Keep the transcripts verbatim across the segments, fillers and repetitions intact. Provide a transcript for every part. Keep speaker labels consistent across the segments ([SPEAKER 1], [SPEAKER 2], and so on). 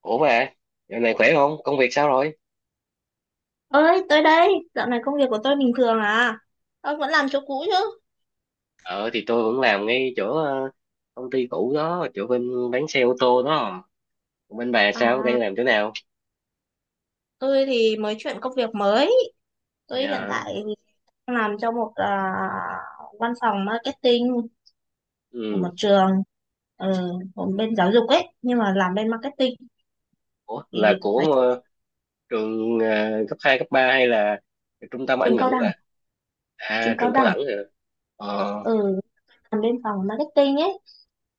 [SPEAKER 1] Ủa mà, giờ này khỏe không? Công việc sao rồi?
[SPEAKER 2] Ơi tới đây dạo này công việc của tôi bình thường à. Ông vẫn làm chỗ cũ chứ?
[SPEAKER 1] Ờ thì tôi vẫn làm ngay chỗ ờ, công ty cũ đó, chỗ bên bán xe ô tô đó. Còn Bên bà sao?
[SPEAKER 2] À,
[SPEAKER 1] Đang làm chỗ nào?
[SPEAKER 2] tôi thì mới chuyển công việc mới. Tôi hiện
[SPEAKER 1] Dạ.
[SPEAKER 2] tại đang làm cho một à, văn phòng marketing của một
[SPEAKER 1] Ừ.
[SPEAKER 2] trường ờ, ở bên giáo dục ấy, nhưng mà làm bên marketing
[SPEAKER 1] Ủa
[SPEAKER 2] thì
[SPEAKER 1] là
[SPEAKER 2] phải.
[SPEAKER 1] của ờ, trường ờ, cấp hai, cấp ba hay là trung tâm
[SPEAKER 2] Trường
[SPEAKER 1] Anh
[SPEAKER 2] cao
[SPEAKER 1] ngữ bà?
[SPEAKER 2] đẳng. Trường
[SPEAKER 1] À,
[SPEAKER 2] cao
[SPEAKER 1] trường cao
[SPEAKER 2] đẳng.
[SPEAKER 1] đẳng rồi. Ờ.
[SPEAKER 2] Ừ, làm bên phòng marketing ấy,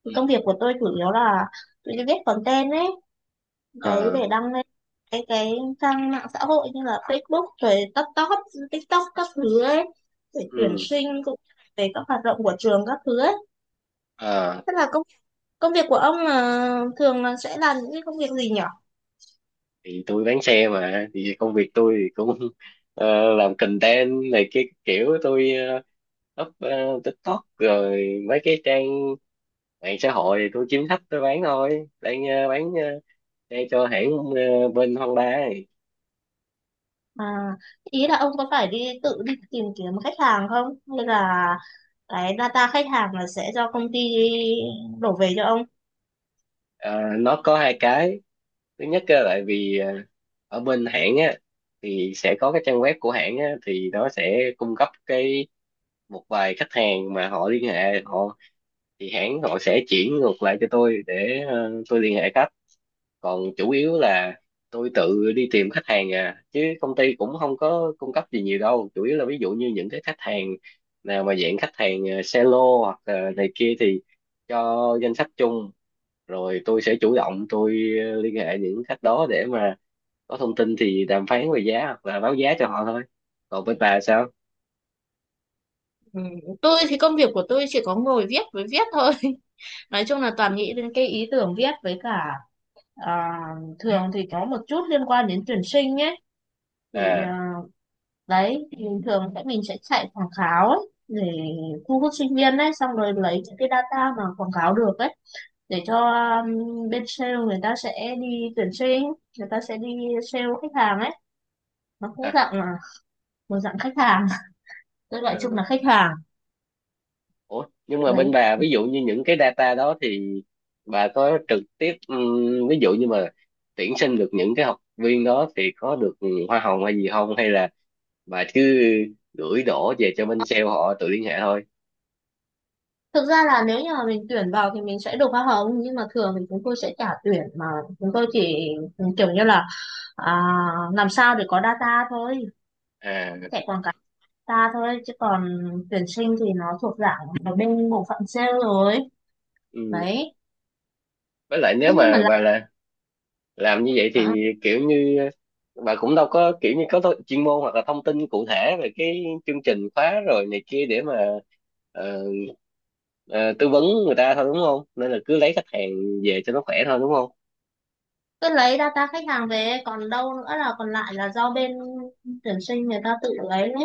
[SPEAKER 2] thì
[SPEAKER 1] Ừ.
[SPEAKER 2] công việc của tôi chủ yếu là tôi viết content ấy, đấy
[SPEAKER 1] Ờ.
[SPEAKER 2] để đăng lên cái cái trang mạng xã hội như là Facebook rồi TikTok, TikTok các thứ ấy, để tuyển
[SPEAKER 1] Ừ.
[SPEAKER 2] sinh cũng như là về các hoạt động của trường các thứ ấy.
[SPEAKER 1] Ờ.
[SPEAKER 2] Thế là công công việc của ông là thường là sẽ làm những cái công việc gì nhỉ?
[SPEAKER 1] Thì tôi bán xe mà thì công việc tôi thì cũng ờ, làm content này, cái kiểu tôi ờ, up ờ, TikTok rồi mấy cái trang mạng xã hội, thì tôi kiếm khách tôi bán thôi, đang ờ, bán ờ, xe cho hãng ờ, bên Honda này.
[SPEAKER 2] À, ý là ông có phải đi tự đi tìm kiếm khách hàng không, hay là cái data khách hàng là sẽ do công ty đổ về cho ông?
[SPEAKER 1] Ờ, nó có hai cái. Thứ nhất á, tại vì ờ, ở bên hãng á, thì sẽ có cái trang web của hãng á, thì nó sẽ cung cấp cái một vài khách hàng mà họ liên hệ họ, thì hãng họ sẽ chuyển ngược lại cho tôi để ờ, tôi liên hệ khách. Còn chủ yếu là tôi tự đi tìm khách hàng à, chứ công ty cũng không có cung cấp gì nhiều đâu, chủ yếu là ví dụ như những cái khách hàng nào mà dạng khách hàng ờ, xe lô hoặc là này kia thì cho danh sách chung, rồi tôi sẽ chủ động tôi ờ, liên hệ những khách đó để mà có thông tin thì đàm phán về giá hoặc là báo giá cho họ thôi. Còn bên bà sao?
[SPEAKER 2] Ừ, tôi thì công việc của tôi chỉ có ngồi viết với viết thôi. Nói chung là toàn nghĩ đến cái ý tưởng viết với cả. À, thường thì có một chút liên quan đến tuyển sinh nhé. Thì
[SPEAKER 1] À.
[SPEAKER 2] à, đấy thì thường sẽ mình sẽ chạy quảng cáo ấy, để thu hút sinh viên ấy, xong rồi lấy những cái data mà quảng cáo được ấy, để cho um, bên sale người ta sẽ đi tuyển sinh, người ta sẽ đi sale khách hàng ấy. Nó cũng dạng là một dạng khách hàng. Tôi gọi chung
[SPEAKER 1] À.
[SPEAKER 2] là khách hàng
[SPEAKER 1] Ủa, nhưng mà bên
[SPEAKER 2] đấy.
[SPEAKER 1] bà ví dụ như những cái data đó thì bà có trực tiếp ừm, ví dụ như mà tuyển sinh được những cái học viên đó thì có được hoa hồng hay gì không, hay là bà cứ gửi đổ về cho bên sale họ tự liên hệ thôi?
[SPEAKER 2] Thực ra là nếu như mà mình tuyển vào thì mình sẽ được hoa hồng, nhưng mà thường thì chúng tôi sẽ trả tuyển mà, chúng tôi chỉ kiểu như là. À, làm sao để có data thôi,
[SPEAKER 1] À.
[SPEAKER 2] chạy quảng cáo data thôi, chứ còn tuyển sinh thì nó thuộc dạng ở bên bộ phận sale rồi
[SPEAKER 1] Ừm.
[SPEAKER 2] đấy.
[SPEAKER 1] Với lại nếu
[SPEAKER 2] Thế nhưng mà
[SPEAKER 1] mà
[SPEAKER 2] là
[SPEAKER 1] bà là làm như vậy thì
[SPEAKER 2] à,
[SPEAKER 1] kiểu như bà cũng đâu có kiểu như có tho- chuyên môn hoặc là thông tin cụ thể về cái chương trình khóa rồi này kia để mà ờ, ờ, tư vấn người ta thôi, đúng không? Nên là cứ lấy khách hàng về cho nó khỏe thôi, đúng không?
[SPEAKER 2] cứ lấy data khách hàng về, còn đâu nữa là còn lại là do bên tuyển sinh người ta tự lấy đấy,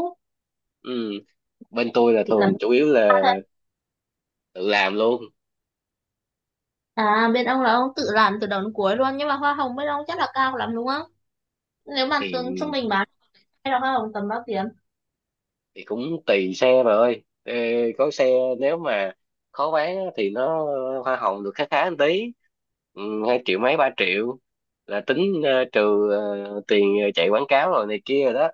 [SPEAKER 1] Ừ. Bên tôi là
[SPEAKER 2] chỉ cần.
[SPEAKER 1] thường chủ yếu là tự làm luôn.
[SPEAKER 2] À, bên ông là ông tự làm từ đầu đến cuối luôn, nhưng mà hoa hồng bên ông chắc là cao lắm đúng không? Nếu mà tương
[SPEAKER 1] thì
[SPEAKER 2] trung bình bán, hay là hoa hồng tầm bao tiền?
[SPEAKER 1] thì cũng tùy xe bà ơi. Ê, có xe nếu mà khó bán á, thì nó hoa hồng được khá khá một tí. Ừ, hai triệu mấy ba triệu là tính ờ, trừ ờ, tiền chạy quảng cáo rồi này kia rồi đó.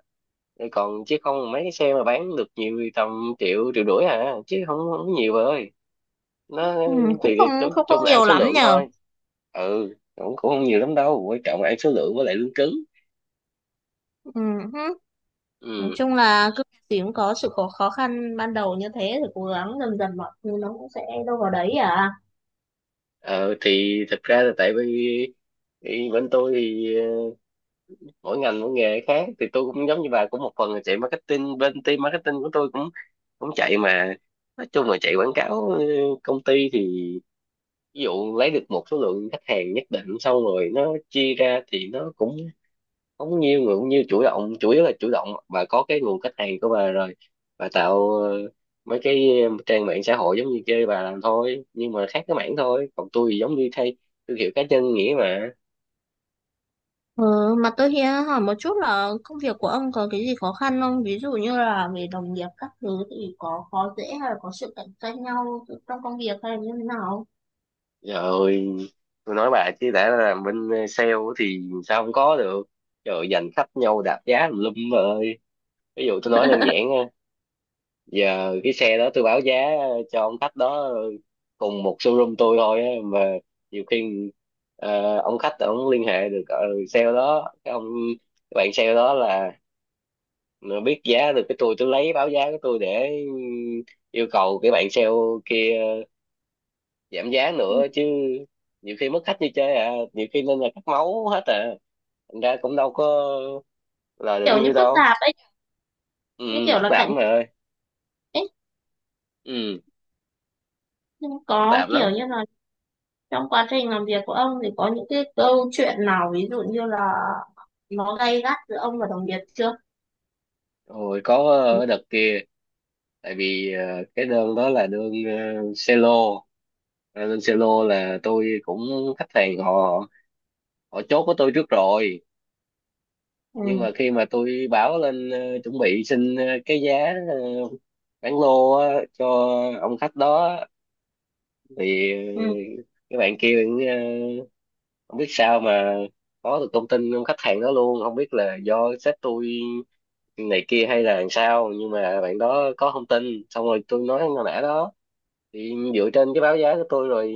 [SPEAKER 1] Rồi còn chứ không mấy cái xe mà bán được nhiều thì tầm triệu triệu rưỡi à, chứ không không nhiều bà ơi. Nó
[SPEAKER 2] Ừ, cũng
[SPEAKER 1] thì
[SPEAKER 2] không
[SPEAKER 1] chung
[SPEAKER 2] không không
[SPEAKER 1] chung là ăn
[SPEAKER 2] nhiều
[SPEAKER 1] số
[SPEAKER 2] lắm
[SPEAKER 1] lượng
[SPEAKER 2] nhờ.
[SPEAKER 1] thôi. Ừ, cũng cũng không nhiều lắm đâu, quan trọng là ăn số lượng với lại lương cứng.
[SPEAKER 2] Ừ. Nói
[SPEAKER 1] Ừ.
[SPEAKER 2] chung là cứ gì cũng có sự khó khó khăn ban đầu, như thế thì cố gắng dần dần mọi thứ nó cũng sẽ đâu vào đấy à.
[SPEAKER 1] Ờ, thì thật ra là tại vì thì bên tôi thì ờ, mỗi ngành mỗi nghề khác, thì tôi cũng giống như bà cũng một phần là chạy marketing, bên team marketing của tôi cũng cũng chạy mà, nói chung là chạy quảng cáo. ờ, Công ty thì ví dụ lấy được một số lượng khách hàng nhất định xong rồi nó chia ra thì nó cũng không nhiều, người cũng nhiều chủ động, chủ yếu là chủ động. Bà có cái nguồn khách hàng của bà rồi, bà tạo ờ, mấy cái trang mạng xã hội giống như kia bà làm thôi, nhưng mà khác cái mảng thôi, còn tôi thì giống như thay thương hiệu cá nhân nghĩa mà.
[SPEAKER 2] Ừ, mà tôi hiện hỏi một chút là công việc của ông có cái gì khó khăn không? Ví dụ như là về đồng nghiệp các thứ thì có khó dễ, hay là có sự cạnh tranh nhau trong công việc, hay là như thế nào?
[SPEAKER 1] Trời ơi, tôi nói bà chứ đã làm bên sale thì sao không có được. Trời ơi, giành khách nhau đạp giá tùm lum bà ơi. Ví dụ tôi nói đơn giản, giờ cái xe đó tôi báo giá cho ông khách đó, cùng một showroom tôi thôi á, mà nhiều khi ờ, ông khách ông liên hệ được uh, sale đó, cái ông cái bạn sale đó là nó biết giá được cái tôi tôi lấy báo giá của tôi để yêu cầu cái bạn sale kia giảm giá
[SPEAKER 2] Ừ,
[SPEAKER 1] nữa chứ. Nhiều khi mất khách như chơi à, nhiều khi nên là cắt máu hết à, thành ra cũng đâu có lời được
[SPEAKER 2] kiểu như
[SPEAKER 1] nhiêu
[SPEAKER 2] phức
[SPEAKER 1] đâu.
[SPEAKER 2] tạp ấy,
[SPEAKER 1] Ừ,
[SPEAKER 2] như kiểu
[SPEAKER 1] phức
[SPEAKER 2] là
[SPEAKER 1] tạp
[SPEAKER 2] cạnh
[SPEAKER 1] lắm mày ơi.
[SPEAKER 2] tranh ấy.
[SPEAKER 1] Ừ,
[SPEAKER 2] Nhưng
[SPEAKER 1] phức
[SPEAKER 2] có
[SPEAKER 1] tạp
[SPEAKER 2] kiểu
[SPEAKER 1] lắm.
[SPEAKER 2] như là trong quá trình làm việc của ông thì có những cái câu chuyện nào ví dụ như là nó gay gắt giữa ông và đồng nghiệp chưa?
[SPEAKER 1] Rồi có
[SPEAKER 2] Ừ.
[SPEAKER 1] ờ, đợt kia, tại vì ờ, cái đơn đó là đơn uh, selo. Ờ, đơn selo là tôi cũng, khách hàng họ họ chốt với tôi trước rồi, nhưng mà khi mà tôi báo lên ờ, chuẩn bị xin ờ, cái giá ờ, bán lô á, cho ông khách đó thì ờ,
[SPEAKER 2] Ừ.
[SPEAKER 1] cái bạn kia cũng, ờ, không biết sao mà có được thông tin ông khách hàng đó luôn, không biết là do sếp tôi này kia hay là làm sao, nhưng mà bạn đó có thông tin, xong rồi tôi nói con nã đó thì dựa trên cái báo giá của tôi rồi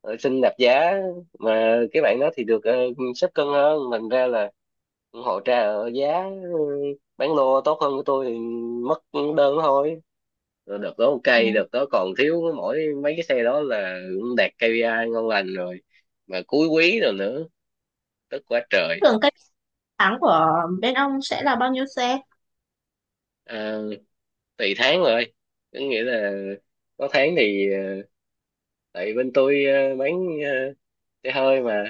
[SPEAKER 1] ờ, xin đạp giá, mà cái bạn đó thì được uh, xếp cân hơn thành ra là họ trả ở giá ờ, bán lô tốt hơn của tôi thì mất đơn thôi. Rồi đợt đó ok,
[SPEAKER 2] Ừ.
[SPEAKER 1] đợt đó còn thiếu mỗi mấy cái xe đó là cũng đạt ca pê i ngon lành rồi mà cuối quý rồi nữa, tức quá trời.
[SPEAKER 2] Tưởng tháng của bên ông sẽ là bao nhiêu xe?
[SPEAKER 1] À, tùy tháng rồi, có nghĩa là có tháng thì ờ, tại bên tôi ờ, bán ờ, xe hơi mà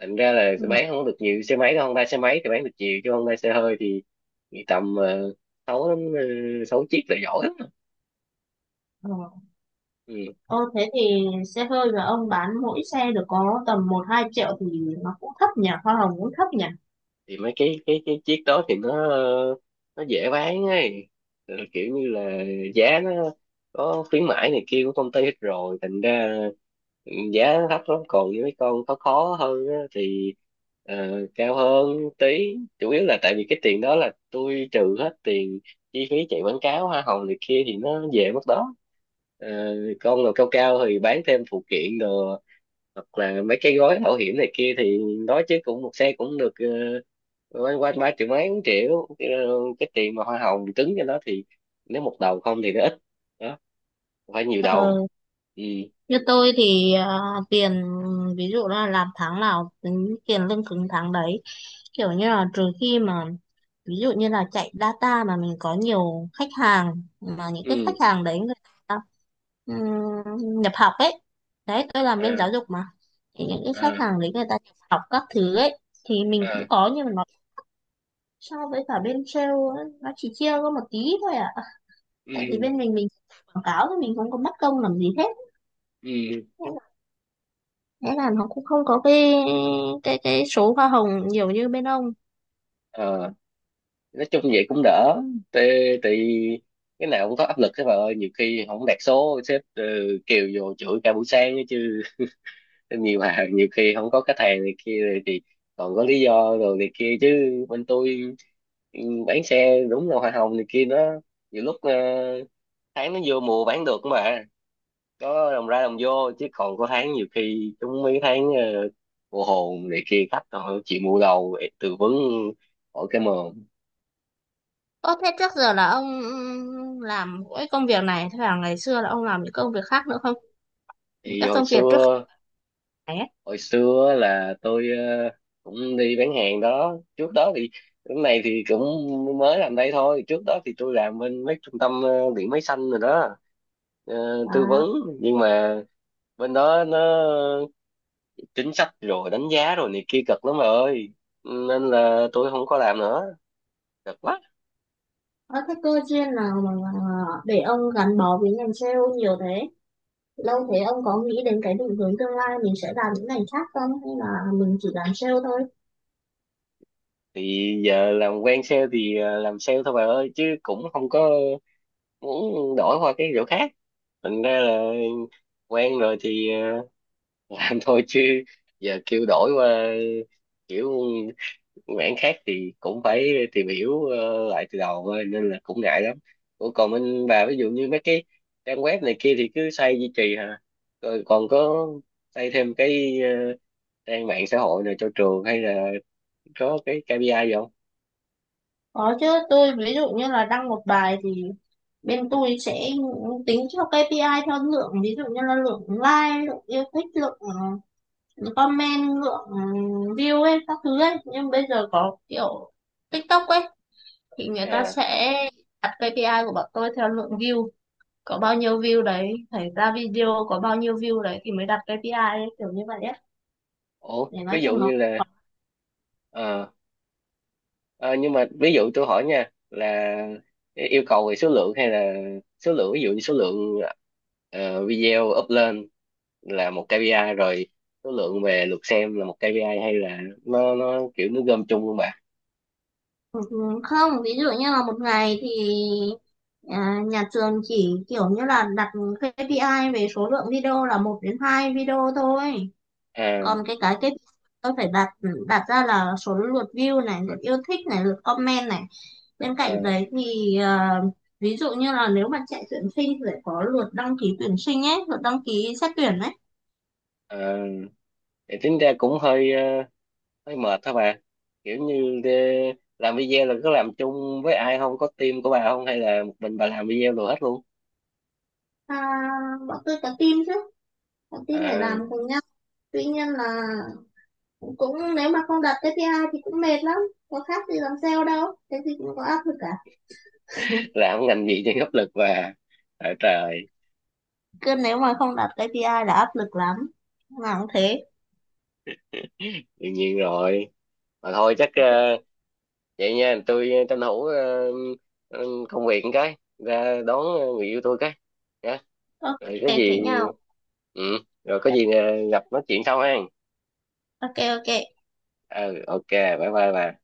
[SPEAKER 1] thành ra là
[SPEAKER 2] Ừ.
[SPEAKER 1] bán không có được nhiều xe máy đâu. Honda xe máy thì bán được nhiều chứ Honda xe hơi thì, thì tầm ờ, sáu đến ờ, sáu chiếc là giỏi lắm.
[SPEAKER 2] Ờ.
[SPEAKER 1] Ừ.
[SPEAKER 2] Ờ, thế thì xe hơi mà ông bán mỗi xe được có tầm một hai triệu, thì nó cũng thấp nhỉ, hoa hồng cũng thấp nhỉ.
[SPEAKER 1] Thì mấy cái cái cái chiếc đó thì nó ờ, nó dễ bán ấy. Rồi kiểu như là giá nó có khuyến mãi này kia của công ty hết rồi thành ra, ừ, giá nó thấp lắm. Còn như mấy con khó khó hơn á, thì ờ, cao hơn tí, chủ yếu là tại vì cái tiền đó là tôi trừ hết tiền chi phí chạy quảng cáo hoa hồng này kia thì nó về mất đó. Ờ, con nào cao cao thì bán thêm phụ kiện đồ hoặc là mấy cái gói bảo hiểm này kia thì nói chứ cũng một xe cũng được ờ, quanh quanh ba triệu mấy bốn triệu. Ờ, cái tiền mà hoa hồng cứng cho nó thì nếu một đầu không thì nó ít đó, phải nhiều đầu.
[SPEAKER 2] Ờ,
[SPEAKER 1] Ừ.
[SPEAKER 2] như tôi thì à, tiền, ví dụ là làm tháng nào tính tiền lương cứng tháng đấy, kiểu như là trừ khi mà ví dụ như là chạy data mà mình có nhiều khách hàng, mà những cái
[SPEAKER 1] Ừ.
[SPEAKER 2] khách hàng đấy người ta ừm, nhập học ấy, đấy tôi làm
[SPEAKER 1] À.
[SPEAKER 2] bên giáo dục mà, thì những cái khách
[SPEAKER 1] À.
[SPEAKER 2] hàng đấy người ta nhập học các thứ ấy thì mình
[SPEAKER 1] À.
[SPEAKER 2] cũng có, nhưng mà nó so với cả bên sale ấy, nó chỉ chia có một tí thôi à, tại vì
[SPEAKER 1] Ừ.
[SPEAKER 2] bên mình mình quảng cáo thì mình không có mất công làm gì hết.
[SPEAKER 1] Ừ.
[SPEAKER 2] Thế là nó cũng không có cái cái cái số hoa hồng nhiều như bên ông.
[SPEAKER 1] Ờ, nói chung vậy cũng đỡ. Thì, thì cái nào cũng có áp lực thế bà ơi, nhiều khi không đạt số sếp ờ, kêu vô chửi cả buổi sáng ấy chứ. Nhiều hàng nhiều khi không có khách hàng này kia rồi thì còn có lý do rồi này kia chứ. Bên tôi, ừ, bán xe đúng là hoa hồng này kia nó nhiều lúc ờ, tháng nó vô mùa bán được mà có đồng ra đồng vô, chứ còn có tháng nhiều khi chúng mấy tháng ờ, mùa hồn này kia khách họ chịu mua đầu để tư vấn hỏi cái mồm.
[SPEAKER 2] Ơ, thế trước giờ là ông ừm, làm mỗi công việc này, thế là ngày xưa là ông làm những công việc khác nữa không?
[SPEAKER 1] Thì
[SPEAKER 2] Các
[SPEAKER 1] hồi
[SPEAKER 2] công việc trước
[SPEAKER 1] xưa,
[SPEAKER 2] này ấy.
[SPEAKER 1] hồi xưa là tôi ờ, cũng đi bán hàng đó. Trước đó thì lúc này thì cũng mới làm đây thôi, trước đó thì tôi làm bên mấy trung tâm ờ, điện máy xanh rồi đó, ờ, tư
[SPEAKER 2] À,
[SPEAKER 1] vấn. Nhưng mà bên đó nó chính sách rồi đánh giá rồi này kia cực lắm bà ơi, nên là tôi không có làm nữa, cực quá.
[SPEAKER 2] có cái cơ duyên nào mà mà để ông gắn bó với ngành sale nhiều thế? Lâu thế ông có nghĩ đến cái định hướng tương lai mình sẽ làm những ngành khác không? Hay là mình chỉ làm sale thôi?
[SPEAKER 1] Thì giờ làm quen sale thì ờ, làm sale thôi bà ơi, chứ cũng không có muốn đổi qua cái chỗ khác. Thành ra là quen rồi thì ờ, làm thôi chứ. Giờ kêu đổi qua kiểu mảng khác thì cũng phải tìm hiểu ờ, lại từ đầu thôi, nên là cũng ngại lắm. Ủa, còn bên bà ví dụ như mấy cái trang web này kia thì cứ xây duy trì hả? Rồi còn có xây thêm cái ờ, trang mạng xã hội này cho trường hay là có cái ca pê i gì không?
[SPEAKER 2] Có chứ, tôi ví dụ như là đăng một bài thì bên tôi sẽ tính theo ca pê i theo lượng, ví dụ như là lượng like, lượng yêu thích, lượng ừ, comment, lượng ừ, view ấy, các thứ ấy. Nhưng bây giờ có kiểu TikTok ấy, thì người ta
[SPEAKER 1] À.
[SPEAKER 2] sẽ đặt kây pi ai của bọn tôi theo lượng view. Có bao nhiêu view đấy, phải ra video có bao nhiêu view đấy thì mới đặt kây pi ai ấy, kiểu như vậy ấy.
[SPEAKER 1] Ủa,
[SPEAKER 2] Để nói
[SPEAKER 1] ví dụ
[SPEAKER 2] chung nó.
[SPEAKER 1] như là ờ, Ờ, nhưng mà ví dụ tôi hỏi nha, là yêu cầu về số lượng hay là số lượng, ví dụ như số lượng ờ, video up lên là một ca pê i rồi, số lượng về lượt xem là một kây pi ai, hay là nó nó kiểu nó gom chung luôn bà?
[SPEAKER 2] Ừ, không, ví dụ như là một ngày thì à, nhà trường chỉ kiểu như là đặt ca pê i về số lượng video là một đến hai video thôi,
[SPEAKER 1] À.
[SPEAKER 2] còn cái cái cái tôi phải đặt đặt ra là số lượt view này, lượt yêu thích này, lượt comment này, bên
[SPEAKER 1] À.
[SPEAKER 2] cạnh đấy thì à, ví dụ như là nếu mà chạy tuyển sinh thì phải có lượt đăng ký tuyển sinh ấy, lượt đăng ký xét tuyển ấy.
[SPEAKER 1] À. Thì tính ra cũng hơi ờ, hơi mệt hả bà? Kiểu như ờ, làm video là có làm chung với ai không, có team của bà không, hay là một mình bà làm video rồi hết luôn?
[SPEAKER 2] À, bọn tôi có team chứ, có team để làm
[SPEAKER 1] À.
[SPEAKER 2] cùng nhau. Tuy nhiên là cũng, nếu mà không đặt ca pê i thì cũng mệt lắm, có khác gì làm sale đâu, cái gì cũng có áp lực cả.
[SPEAKER 1] Làm ngành gì thì áp lực bà. À, trời.
[SPEAKER 2] Cứ nếu mà không đặt ca pê i là áp lực lắm, nào cũng thế.
[SPEAKER 1] Đương nhiên rồi. Mà thôi chắc ờ, vậy nha, tôi ờ, tranh thủ ờ, ờ, công việc một cái ra đón ờ, người yêu tôi cái, nhá.
[SPEAKER 2] OK
[SPEAKER 1] Rồi có
[SPEAKER 2] thế
[SPEAKER 1] gì
[SPEAKER 2] nhau.
[SPEAKER 1] ừ rồi có gì ờ, gặp nói chuyện sau ha.
[SPEAKER 2] OK, OK.
[SPEAKER 1] Ừ. Ok, bye bye bà.